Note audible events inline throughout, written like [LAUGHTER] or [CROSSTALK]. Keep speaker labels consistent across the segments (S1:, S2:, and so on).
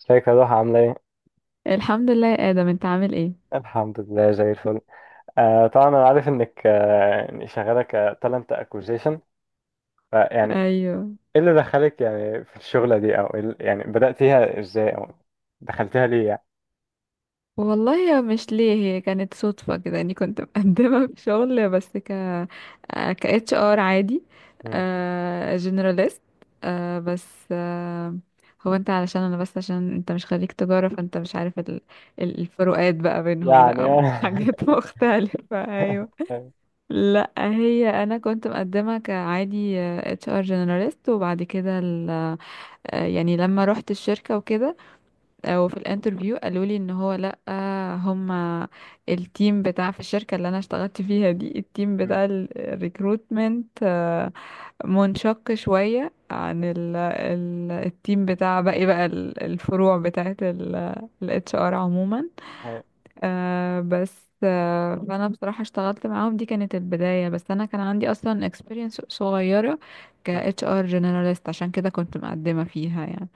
S1: ازيك يا ضحى؟ عاملة ايه؟
S2: الحمد لله يا آدم، انت عامل ايه؟
S1: الحمد لله زي الفل. آه طبعا انا عارف انك، يعني شغالة كتالنت اكوزيشن. فيعني
S2: ايوه.
S1: ايه اللي دخلك يعني في الشغلة دي، او إيه يعني بدأتيها ازاي، او دخلتيها ليه يعني؟
S2: والله يا مش ليه، هي كانت صدفة كده اني كنت مقدمة [LAUGHS] في شغل بس ك ك اتش ار عادي
S1: مم.
S2: جنراليست. بس هو انت علشان انا بس عشان انت مش خريج تجارة، فانت مش عارف الفروقات بقى بينهم. لا
S1: يعني.
S2: هم
S1: [LAUGHS]
S2: [LAUGHS] حاجات مختلفة. ايوه.
S1: أيوة.
S2: لا هي انا كنت مقدمة كعادي اتش ار جنراليست، وبعد كده ال... آه، يعني لما رحت الشركة وكده، وفي الانترفيو قالوا لي ان هو لا، هما التيم بتاع في الشركة اللي انا اشتغلت فيها دي، التيم
S1: مم.
S2: بتاع الريكروتمنت منشق شوية عن ال التيم بتاع باقي بقى الفروع بتاعت ال اتش ار عموما.
S1: أيوة.
S2: آه، بس آه، فانا بصراحة اشتغلت معاهم، دي كانت البداية. بس انا كان عندي اصلا experience صغيرة ك
S1: مم.
S2: اتش ار generalist، عشان كده كنت مقدمة فيها يعني.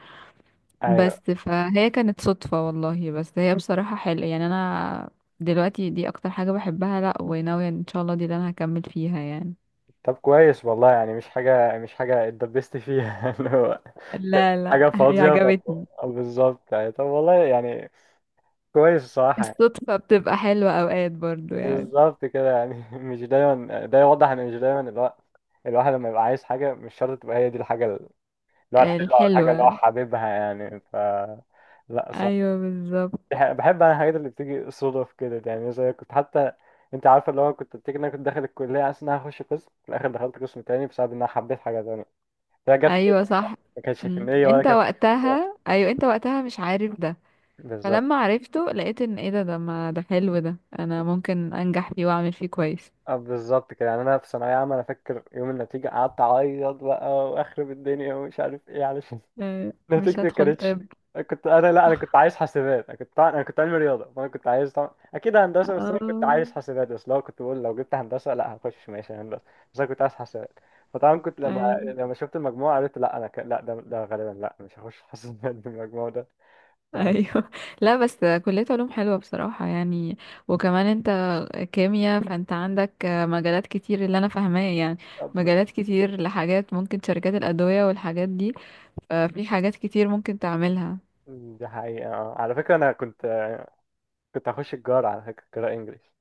S1: أيوة.
S2: بس فهي كانت صدفة والله، بس هي بصراحة حلوة. يعني أنا دلوقتي دي أكتر حاجة بحبها، لأ وناوية إن شاء الله دي اللي أنا هكمل فيها يعني.
S1: طب كويس والله، يعني مش حاجة، اتدبستي فيها [LAUGHS] اللي هو
S2: لا لا
S1: حاجة
S2: هي
S1: فاضية.
S2: عجبتني.
S1: بالظبط يعني، طب والله يعني كويس الصراحة.
S2: الصدفة بتبقى حلوة أوقات برضو يعني.
S1: بالظبط كده يعني. [LAUGHS] مش دايما، ده يوضح ان مش دايما الواحد، لما يبقى عايز حاجة مش شرط تبقى هي دي الحاجة اللي هو الحلوة، أو الحاجة اللي هو
S2: الحلوة.
S1: حاببها يعني. ف لا صح.
S2: أيوة بالظبط.
S1: بحب أنا الحاجات اللي بتيجي صدف كده، يعني زي كنت حتى أنت عارفة اللي هو كنت بتيجي. إن أنا كنت داخل الكلية عشان أنا هخش قسم، في الآخر دخلت قسم تاني بسبب إن أنا حبيت حاجة تانية، هي جت كده.
S2: أيوة صح.
S1: ما كانتش في
S2: مم.
S1: النية ولا
S2: أنت
S1: كانت
S2: وقتها، أيوة أنت وقتها مش عارف ده.
S1: بالظبط.
S2: فلما عرفته لقيت إن إيه ده، ده ما ده حلو، ده أنا ممكن أنجح فيه وأعمل فيه كويس.
S1: اه بالظبط كده يعني. انا في ثانويه عامه، انا فاكر يوم النتيجه قعدت اعيط بقى واخرب الدنيا ومش عارف ايه، علشان
S2: أيوة،
S1: [LAUGHS]
S2: مش
S1: نتيجتي ما
S2: هدخل
S1: كانتش.
S2: طب.
S1: كنت انا، لا انا كنت
S2: [LAUGHS]
S1: عايز حاسبات. انا كنت علمي رياضه، فانا كنت عايز طبعا اكيد هندسه، بس انا كنت
S2: اه.
S1: عايز حاسبات. بس لو كنت بقول لو جبت هندسه، لا هخش ماشي هندسه، بس انا كنت عايز حاسبات. فطبعا كنت
S2: أيوة.
S1: لما شفت المجموع قلت، لا انا لا ده، غالبا لا مش هخش حاسبات [LAUGHS] بالمجموع ده. ف...
S2: ايوه. [LAUGHS] لا بس كلية علوم حلوة بصراحة يعني. وكمان انت كيمياء، فانت عندك مجالات كتير اللي انا فاهماه يعني.
S1: طب-
S2: مجالات كتير لحاجات، ممكن شركات الأدوية والحاجات دي، ففي حاجات كتير ممكن تعملها.
S1: دي حقيقه. آه. على فكره انا كنت، هخش الجار على فكره قراءه انجليش.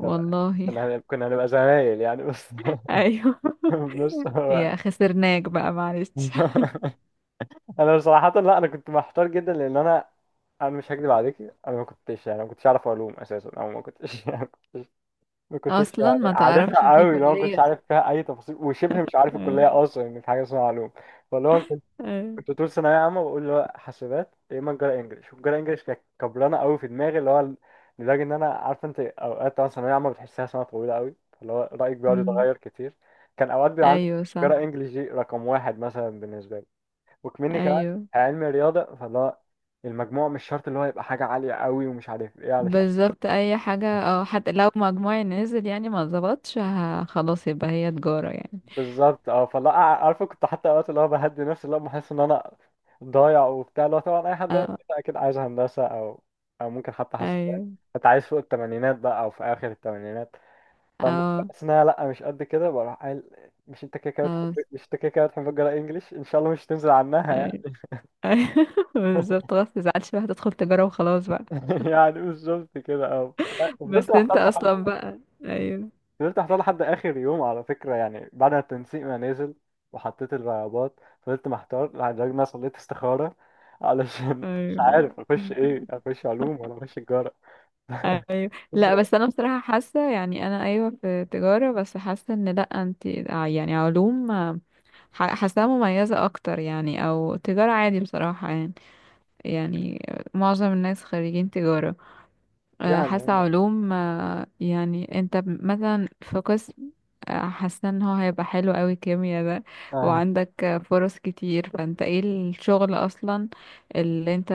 S1: طب كنا كنا هنبقى زمايل يعني. بس،
S2: [LAUGHS] ايوه.
S1: [LAUGHS] بس هو.
S2: يا خسرناك بقى معلش.
S1: [LAUGHS] انا صراحه لا، انا كنت محتار جدا لان انا، مش هكدب عليكي. انا ما كنتش يعني، ما كنتش اعرف علوم اساسا، او ما كنتش [LAUGHS] يعني، كنتش ما كنتش
S2: اصلا ما
S1: يعني
S2: تعرفش
S1: عارفها
S2: في
S1: قوي لو، ما كنتش
S2: كلية.
S1: عارف فيها اي تفاصيل، وشبه مش عارف
S2: أيوة.
S1: الكليه اصلا ان في حاجه اسمها علوم. فاللي هو كنت،
S2: أيوة.
S1: طول ثانويه عامه بقول اللي هو حاسبات يا اما تجاره انجلش. والتجاره انجلش كانت كبرانه قوي في دماغي، اللي هو لدرجه ان انا عارفه. انت اوقات طبعا ثانويه عامه بتحسها سنه طويله قوي، فاللي هو رايك بيقعد
S2: أمم،
S1: يتغير كتير. كان اوقات بيبقى عندي
S2: ايوه
S1: تجاره
S2: صح.
S1: انجلش دي رقم واحد مثلا بالنسبه لي، وكمني كمان
S2: ايوه
S1: علمي رياضة، فاللي هو المجموع مش شرط اللي هو يبقى حاجة عالية قوي ومش عارف ايه. علشان
S2: بالظبط اي حاجة، اه حتى لو مجموعي نزل يعني ما ظبطش ه- خلاص يبقى هي تجارة يعني.
S1: بالظبط اه. فاللي هو عارفه كنت حتى اوقات اللي هو بهدي نفسي، اللي هو بحس ان انا ضايع وبتاع. اللي هو طبعا اي حد
S2: اه.
S1: اكيد عايز هندسة، او او ممكن حتى حاسبات،
S2: ايوه.
S1: انت عايز فوق التمانينات بقى، او في اخر التمانينات. فلما كنت
S2: اه.
S1: بحس ان انا لا مش قد كده، بروح قايل مش انت كده كده بتحب،
S2: خلاص.
S1: مش انت كده كده بتحب تقرا انجليش، ان شاء الله مش تنزل عنها
S2: ايوه.
S1: يعني.
S2: ايوه. [LAUGHS] بالظبط، خلاص متزعلش بقى، هتدخل تجارة وخلاص بقى.
S1: [LAUGHS] يعني بالظبط كده اه. فضلت
S2: بس انت
S1: محتار.
S2: اصلا بقى.
S1: مم.
S2: ايوه.
S1: فضلت احطها لحد اخر يوم على فكره، يعني بعد ما التنسيق ما نزل وحطيت الرغبات، فضلت محتار يعني لدرجه ان انا صليت استخاره علشان [LAUGHS] مش
S2: ايوه.
S1: عارف اخش ايه، اخش علوم ولا اخش تجاره. [LAUGHS]
S2: ايوه.
S1: بس
S2: لا بس انا بصراحة حاسة يعني، انا ايوه في تجارة بس حاسة ان لا انت يعني علوم، ح- حاساها مميزة اكتر يعني. او تجارة عادي بصراحة يعني. يعني معظم الناس خريجين تجارة.
S1: يعني.
S2: حاسة علوم يعني انت ب- مثلا في قسم، حاسة ان هو هيبقى حلو قوي كيميا ده.
S1: آه،
S2: وعندك فرص كتير، فانت ايه، الشغل اصلا اللي انت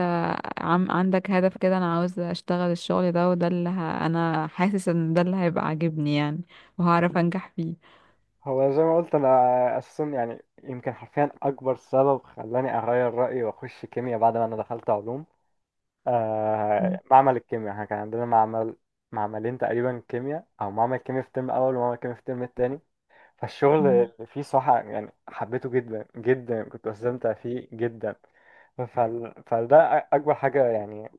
S2: عم عندك هدف كده، انا عاوز اشتغل الشغل ده وده اللي ه... انا حاسس ان ده اللي هيبقى عاجبني يعني، وهعرف انجح فيه.
S1: هو زي ما قلت انا اساسا، يعني يمكن حرفيا اكبر سبب خلاني اغير رايي واخش كيمياء بعد ما انا دخلت علوم، آه
S2: م-
S1: معمل الكيمياء. احنا كان عندنا معمل، معملين تقريبا كيمياء، او معمل كيمياء في الترم الاول ومعمل كيمياء في الترم الثاني. فالشغل
S2: م.
S1: اللي فيه صحة يعني حبيته جدا جدا، كنت بستمتع فيه جدا. فده أكبر حاجة يعني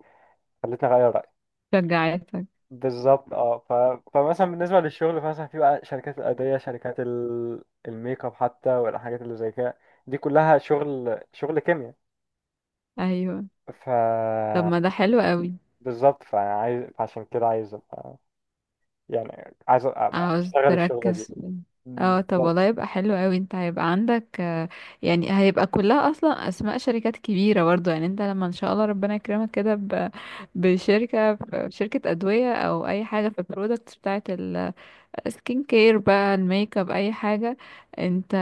S1: خلتني أغير رأيي.
S2: شجعتك.
S1: بالظبط اه. فمثلا بالنسبة للشغل، فمثلا في بقى شركات الأدوية، شركات الميك اب حتى، والحاجات اللي زي كده، دي كلها شغل، شغل كيمياء.
S2: ايوه
S1: ف
S2: طب ما ده حلو قوي.
S1: بالظبط. فعايز، عشان كده عايز أبقى يعني، عايز أبقى
S2: عاوز
S1: أشتغل الشغلة دي.
S2: تركز. اه طب
S1: بالظبط.
S2: والله يبقى حلو قوي. انت هيبقى عندك يعني هيبقى كلها اصلا اسماء شركات كبيره برضو يعني. انت لما ان شاء الله ربنا يكرمك كده ب- بشركه، شركه ادويه او اي حاجه في البرودكتس بتاعه السكين كير بقى، الميك اب، اي حاجه، انت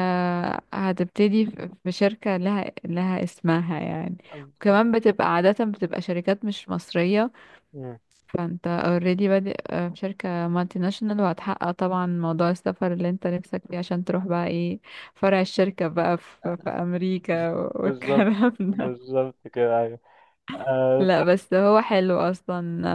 S2: هتبتدي في شركه لها اسمها يعني. وكمان بتبقى عاده بتبقى شركات مش مصريه،
S1: مم.
S2: فانت اوريدي بادئ في شركة مالتي ناشونال، وهتحقق طبعا موضوع السفر اللي انت نفسك فيه، عشان تروح بقى ايه فرع الشركة بقى في امريكا [LAUGHS]
S1: بالظبط.
S2: والكلام ده.
S1: بالظبط كده أيوه. آه،
S2: لا بس هو حلو اصلا.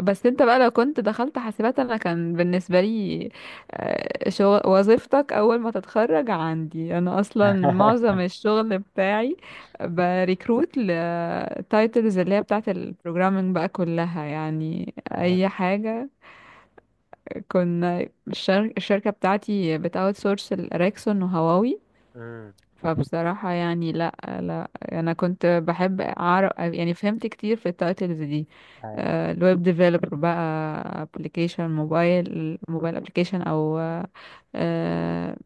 S2: آه، بس انت بقى لو كنت دخلت حاسبات، انا كان بالنسبة لي شغل وظيفتك اول ما تتخرج عندي انا، اصلا
S1: [LAUGHS]
S2: معظم الشغل بتاعي بريكروت لتايتلز اللي هي بتاعت البروجرامينج بقى كلها يعني
S1: آه،
S2: اي حاجة. كنا الشركة بتاعتي بتاوت سورس الأراكسون وهواوي.
S1: مم،
S2: فبصراحة يعني لا، لا أنا كنت بحب أعرف، يعني فهمت كتير في التايتلز دي.
S1: أيوة،
S2: الويب ديفلوبر بقى، ابلكيشن موبايل، موبايل ابلكيشن، أو آه،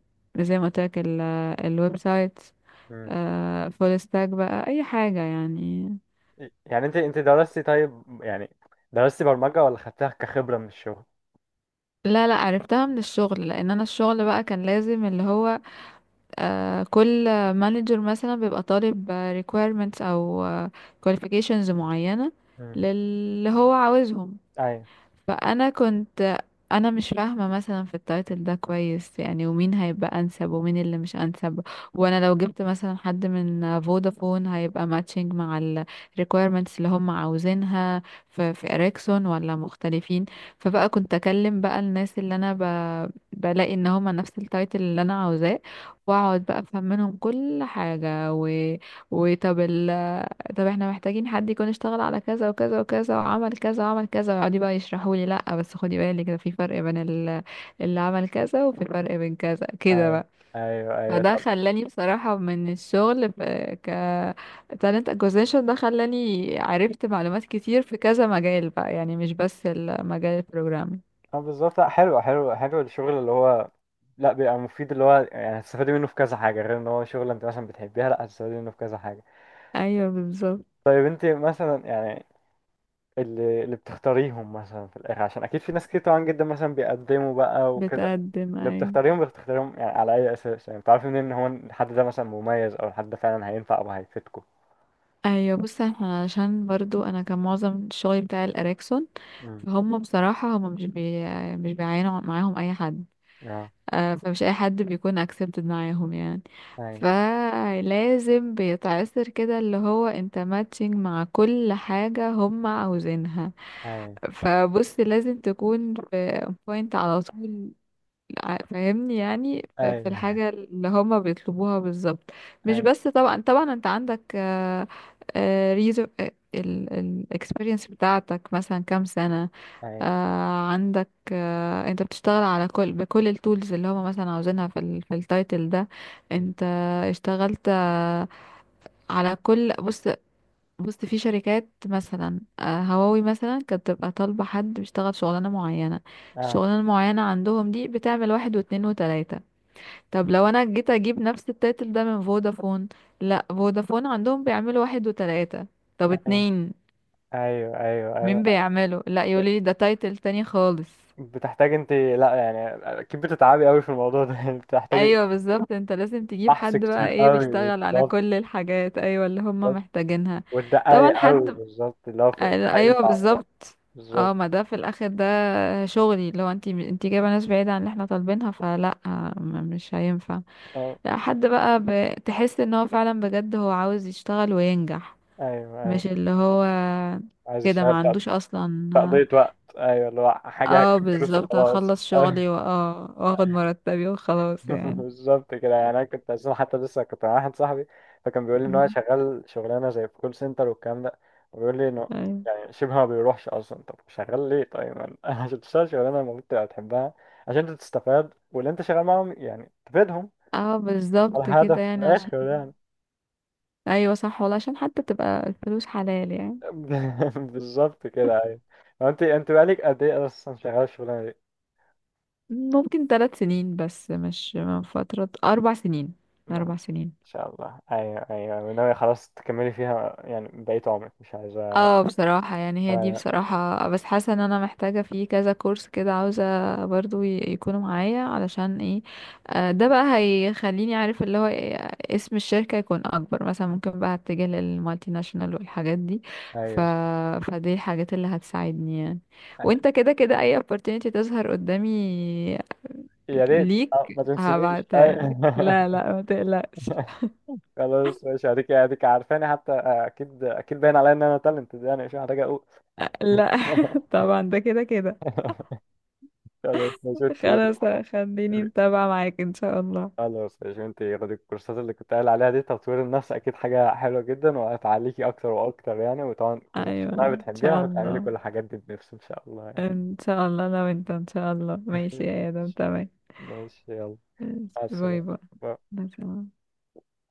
S2: زي ما قلت لك الويب سايت،
S1: مم.
S2: فول ستاك بقى أي حاجة يعني.
S1: يعني انت، درستي طيب يعني، درستي برمجة ولا خدتها كخبرة من الشغل؟
S2: لا لا عرفتها من الشغل، لأن أنا الشغل بقى كان لازم اللي هو كل مانجر مثلا بيبقى طالب requirements او qualifications معينة
S1: مم.
S2: للي هو عاوزهم.
S1: ايوه،
S2: فانا كنت انا مش فاهمه مثلا في التايتل ده كويس يعني، ومين هيبقى انسب ومين اللي مش انسب. وانا لو جبت مثلا حد من فودافون، هيبقى ماتشنج مع ال requirements اللي هم عاوزينها في اريكسون ولا مختلفين. فبقى كنت اكلم بقى الناس اللي انا بلاقي ان هم نفس التايتل اللي انا عاوزاه، واقعد بقى افهم منهم كل حاجه و... وطب طب احنا محتاجين حد يكون اشتغل على كذا وكذا وكذا، وعمل كذا وعمل كذا، ويقعدي بقى يشرحوا لي لا بس خدي بالك ده في فرق بين اللي عمل كذا وفي فرق بين كذا كده
S1: ايوه،
S2: بقى.
S1: ايوه، ايوه.
S2: فده
S1: طب
S2: خلاني بصراحة من الشغل ك talent acquisition، ده خلاني عرفت معلومات كتير في كذا مجال بقى يعني، مش بس المجال البروجرامي.
S1: اه بالظبط. لا حلو، حلو حلو الشغل اللي هو، لا بيبقى مفيد. اللي هو يعني هتستفادي منه في كذا حاجة، غير ان هو شغل انت مثلا بتحبيها، لا هتستفادي منه في كذا حاجة.
S2: ايوه بالظبط.
S1: طيب انت مثلا يعني، اللي، بتختاريهم مثلا في الاخر، عشان اكيد في ناس كتير طبعا جدا مثلا بيقدموا بقى وكده،
S2: بتقدم
S1: اللي
S2: ايوه.
S1: بتختاريهم بتختاريهم يعني على أي أساس؟ يعني بتعرفي منين إن هو الحد ده مثلا مميز، أو الحد ده فعلا هينفع أو هيفيدكوا؟
S2: ايوه بص، احنا عشان برضو انا كان معظم الشغل بتاع الاريكسون،
S1: امم.
S2: هم بصراحة هم مش بيعينوا معاهم أي حد.
S1: اه،
S2: فمش أي حد بيكون accepted معاهم يعني.
S1: أيوه،
S2: فلازم بيتعسر كده اللي هو انت ماتشنج مع كل حاجة هم عاوزينها.
S1: أيوه،
S2: فبص لازم تكون في point على طول، ع- فاهمني يعني ف- في
S1: أيوه،
S2: الحاجة اللي هما بيطلبوها بالظبط. مش
S1: أيوه،
S2: بس طبعا طبعا انت عندك ريزو الاكسبيرينس بتاعتك مثلا كام سنة.
S1: أيوه.
S2: عندك انت بتشتغل على كل، بكل التولز اللي هما مثلا عاوزينها في ال في التايتل ده، انت اشتغلت على كل. بص بص، في شركات مثلا هواوي مثلا كانت بتبقى طالبة حد بيشتغل شغلانة معينة.
S1: اه،
S2: الشغلانة المعينة عندهم دي بتعمل واحد واتنين وتلاتة. طب لو انا جيت اجيب نفس التايتل ده من فودافون، لا فودافون عندهم بيعملوا واحد وتلاتة. طب
S1: أيوه،
S2: اتنين
S1: أيوه، أيوه،
S2: مين
S1: أيوه.
S2: بيعمله؟ لا يقولي ده تايتل تاني خالص.
S1: بتحتاج أنت لأ يعني، أكيد بتتعبي أوي في الموضوع ده [LAUGHS] يعني. بتحتاجي
S2: ايوه بالظبط، انت لازم تجيب
S1: بحث
S2: حد بقى
S1: كتير
S2: ايه
S1: أوي
S2: بيشتغل على
S1: بالظبط.
S2: كل الحاجات ايوه اللي هم
S1: بالظبط.
S2: محتاجينها.
S1: وتدققي
S2: طبعا
S1: أوي
S2: حد
S1: بالظبط، اللي هو ده
S2: ايوه
S1: هينفع ولا لأ.
S2: بالظبط. اه
S1: بالظبط
S2: ما ده في الاخر ده شغلي، لو انتي انتي جايبه ناس بعيده عن اللي احنا طالبينها فلا، مش هينفع.
S1: اه.
S2: لا حد بقى تحس ان هو فعلا بجد هو عاوز يشتغل وينجح،
S1: أيوه،
S2: مش
S1: أيوه،
S2: اللي هو
S1: عايز
S2: كده ما
S1: أشتغل،
S2: عندوش اصلا.
S1: تقضية وقت، أيوه اللي هو حاجة هجيب
S2: اه
S1: فلوس
S2: بالظبط،
S1: وخلاص.
S2: هخلص
S1: [LAUGHS]
S2: شغلي واه واخد مرتبي
S1: [LAUGHS]
S2: وخلاص يعني.
S1: بالظبط كده يعني. انا كنت اساسا حتى لسه كنت مع واحد صاحبي، فكان بيقول لي ان هو
S2: مم.
S1: شغال شغلانه زي في كول سنتر والكلام ده، وبيقول لي انه
S2: ايوه.
S1: يعني شبه ما بيروحش اصلا. طب شغال ليه طيب؟ ما أنا، [LAUGHS] عشان تشتغل شغلانه المفروض تبقى بتحبها، عشان انت تستفاد واللي انت شغال معاهم يعني تفيدهم،
S2: اه
S1: ده
S2: بالظبط
S1: الهدف
S2: كده
S1: في اه
S2: يعني عشان.
S1: الاخر يعني.
S2: ايوه صح والله، عشان حتى تبقى الفلوس حلال يعني.
S1: [LAUGHS] بالظبط كده ايوه. هو انت، بقالك قد ايه اصلا شغال الشغلانه دي؟
S2: ممكن 3 سنين، بس مش من فترة، 4 سنين.
S1: ما
S2: 4 سنين.
S1: شاء الله. ايوه ايوه، وناوي خلاص تكملي فيها يعني بقيت عمرك، مش عايزه.
S2: اه بصراحة يعني هي دي
S1: ايوه.
S2: بصراحة، بس حاسة ان انا محتاجة في كذا كورس كده، عاوزة برضو ي- يكونوا معايا علشان ايه، ده بقى هيخليني عارف اللي هو إيه، اسم الشركة يكون اكبر، مثلا ممكن بقى اتجه للمالتي ناشونال والحاجات دي. ف...
S1: أيوه.
S2: فدي الحاجات اللي هتساعدني يعني. وانت كده كده اي opportunity تظهر قدامي
S1: يا ريت
S2: ليك
S1: ما تنسنيش
S2: هبعتها لك، لا
S1: أي-.
S2: لا ما تقلقش.
S1: [LAUGHS]
S2: [LAUGHS]
S1: خلاص ماشي. هديك، عارفاني حتى، اكيد اكيد باين عليا ان انا تالنت يعني، مش محتاج اقول.
S2: لا
S1: [LAUGHS]
S2: [LAUGHS] طبعا ده كده كده.
S1: خلاص ماشي انت.
S2: خلاص خليني متابعة معاك ان شاء الله.
S1: خلاص ماشي. انت خدي الكورسات اللي كنت قايل عليها دي، تطوير النفس اكيد حاجه حلوه جدا وهتعليكي اكتر واكتر يعني. وطبعا من
S2: ايوه
S1: شغلها
S2: ان
S1: بتحبيها،
S2: شاء
S1: وهتعملي كل
S2: الله.
S1: الحاجات دي بنفس ان شاء الله يعني.
S2: ان شاء الله لو انت ان شاء الله. ماشي
S1: [LAUGHS]
S2: يا ادم، تمام.
S1: ماشي، يلا،
S2: ماشي.
S1: مع
S2: باي باي.
S1: السلامه.
S2: باي.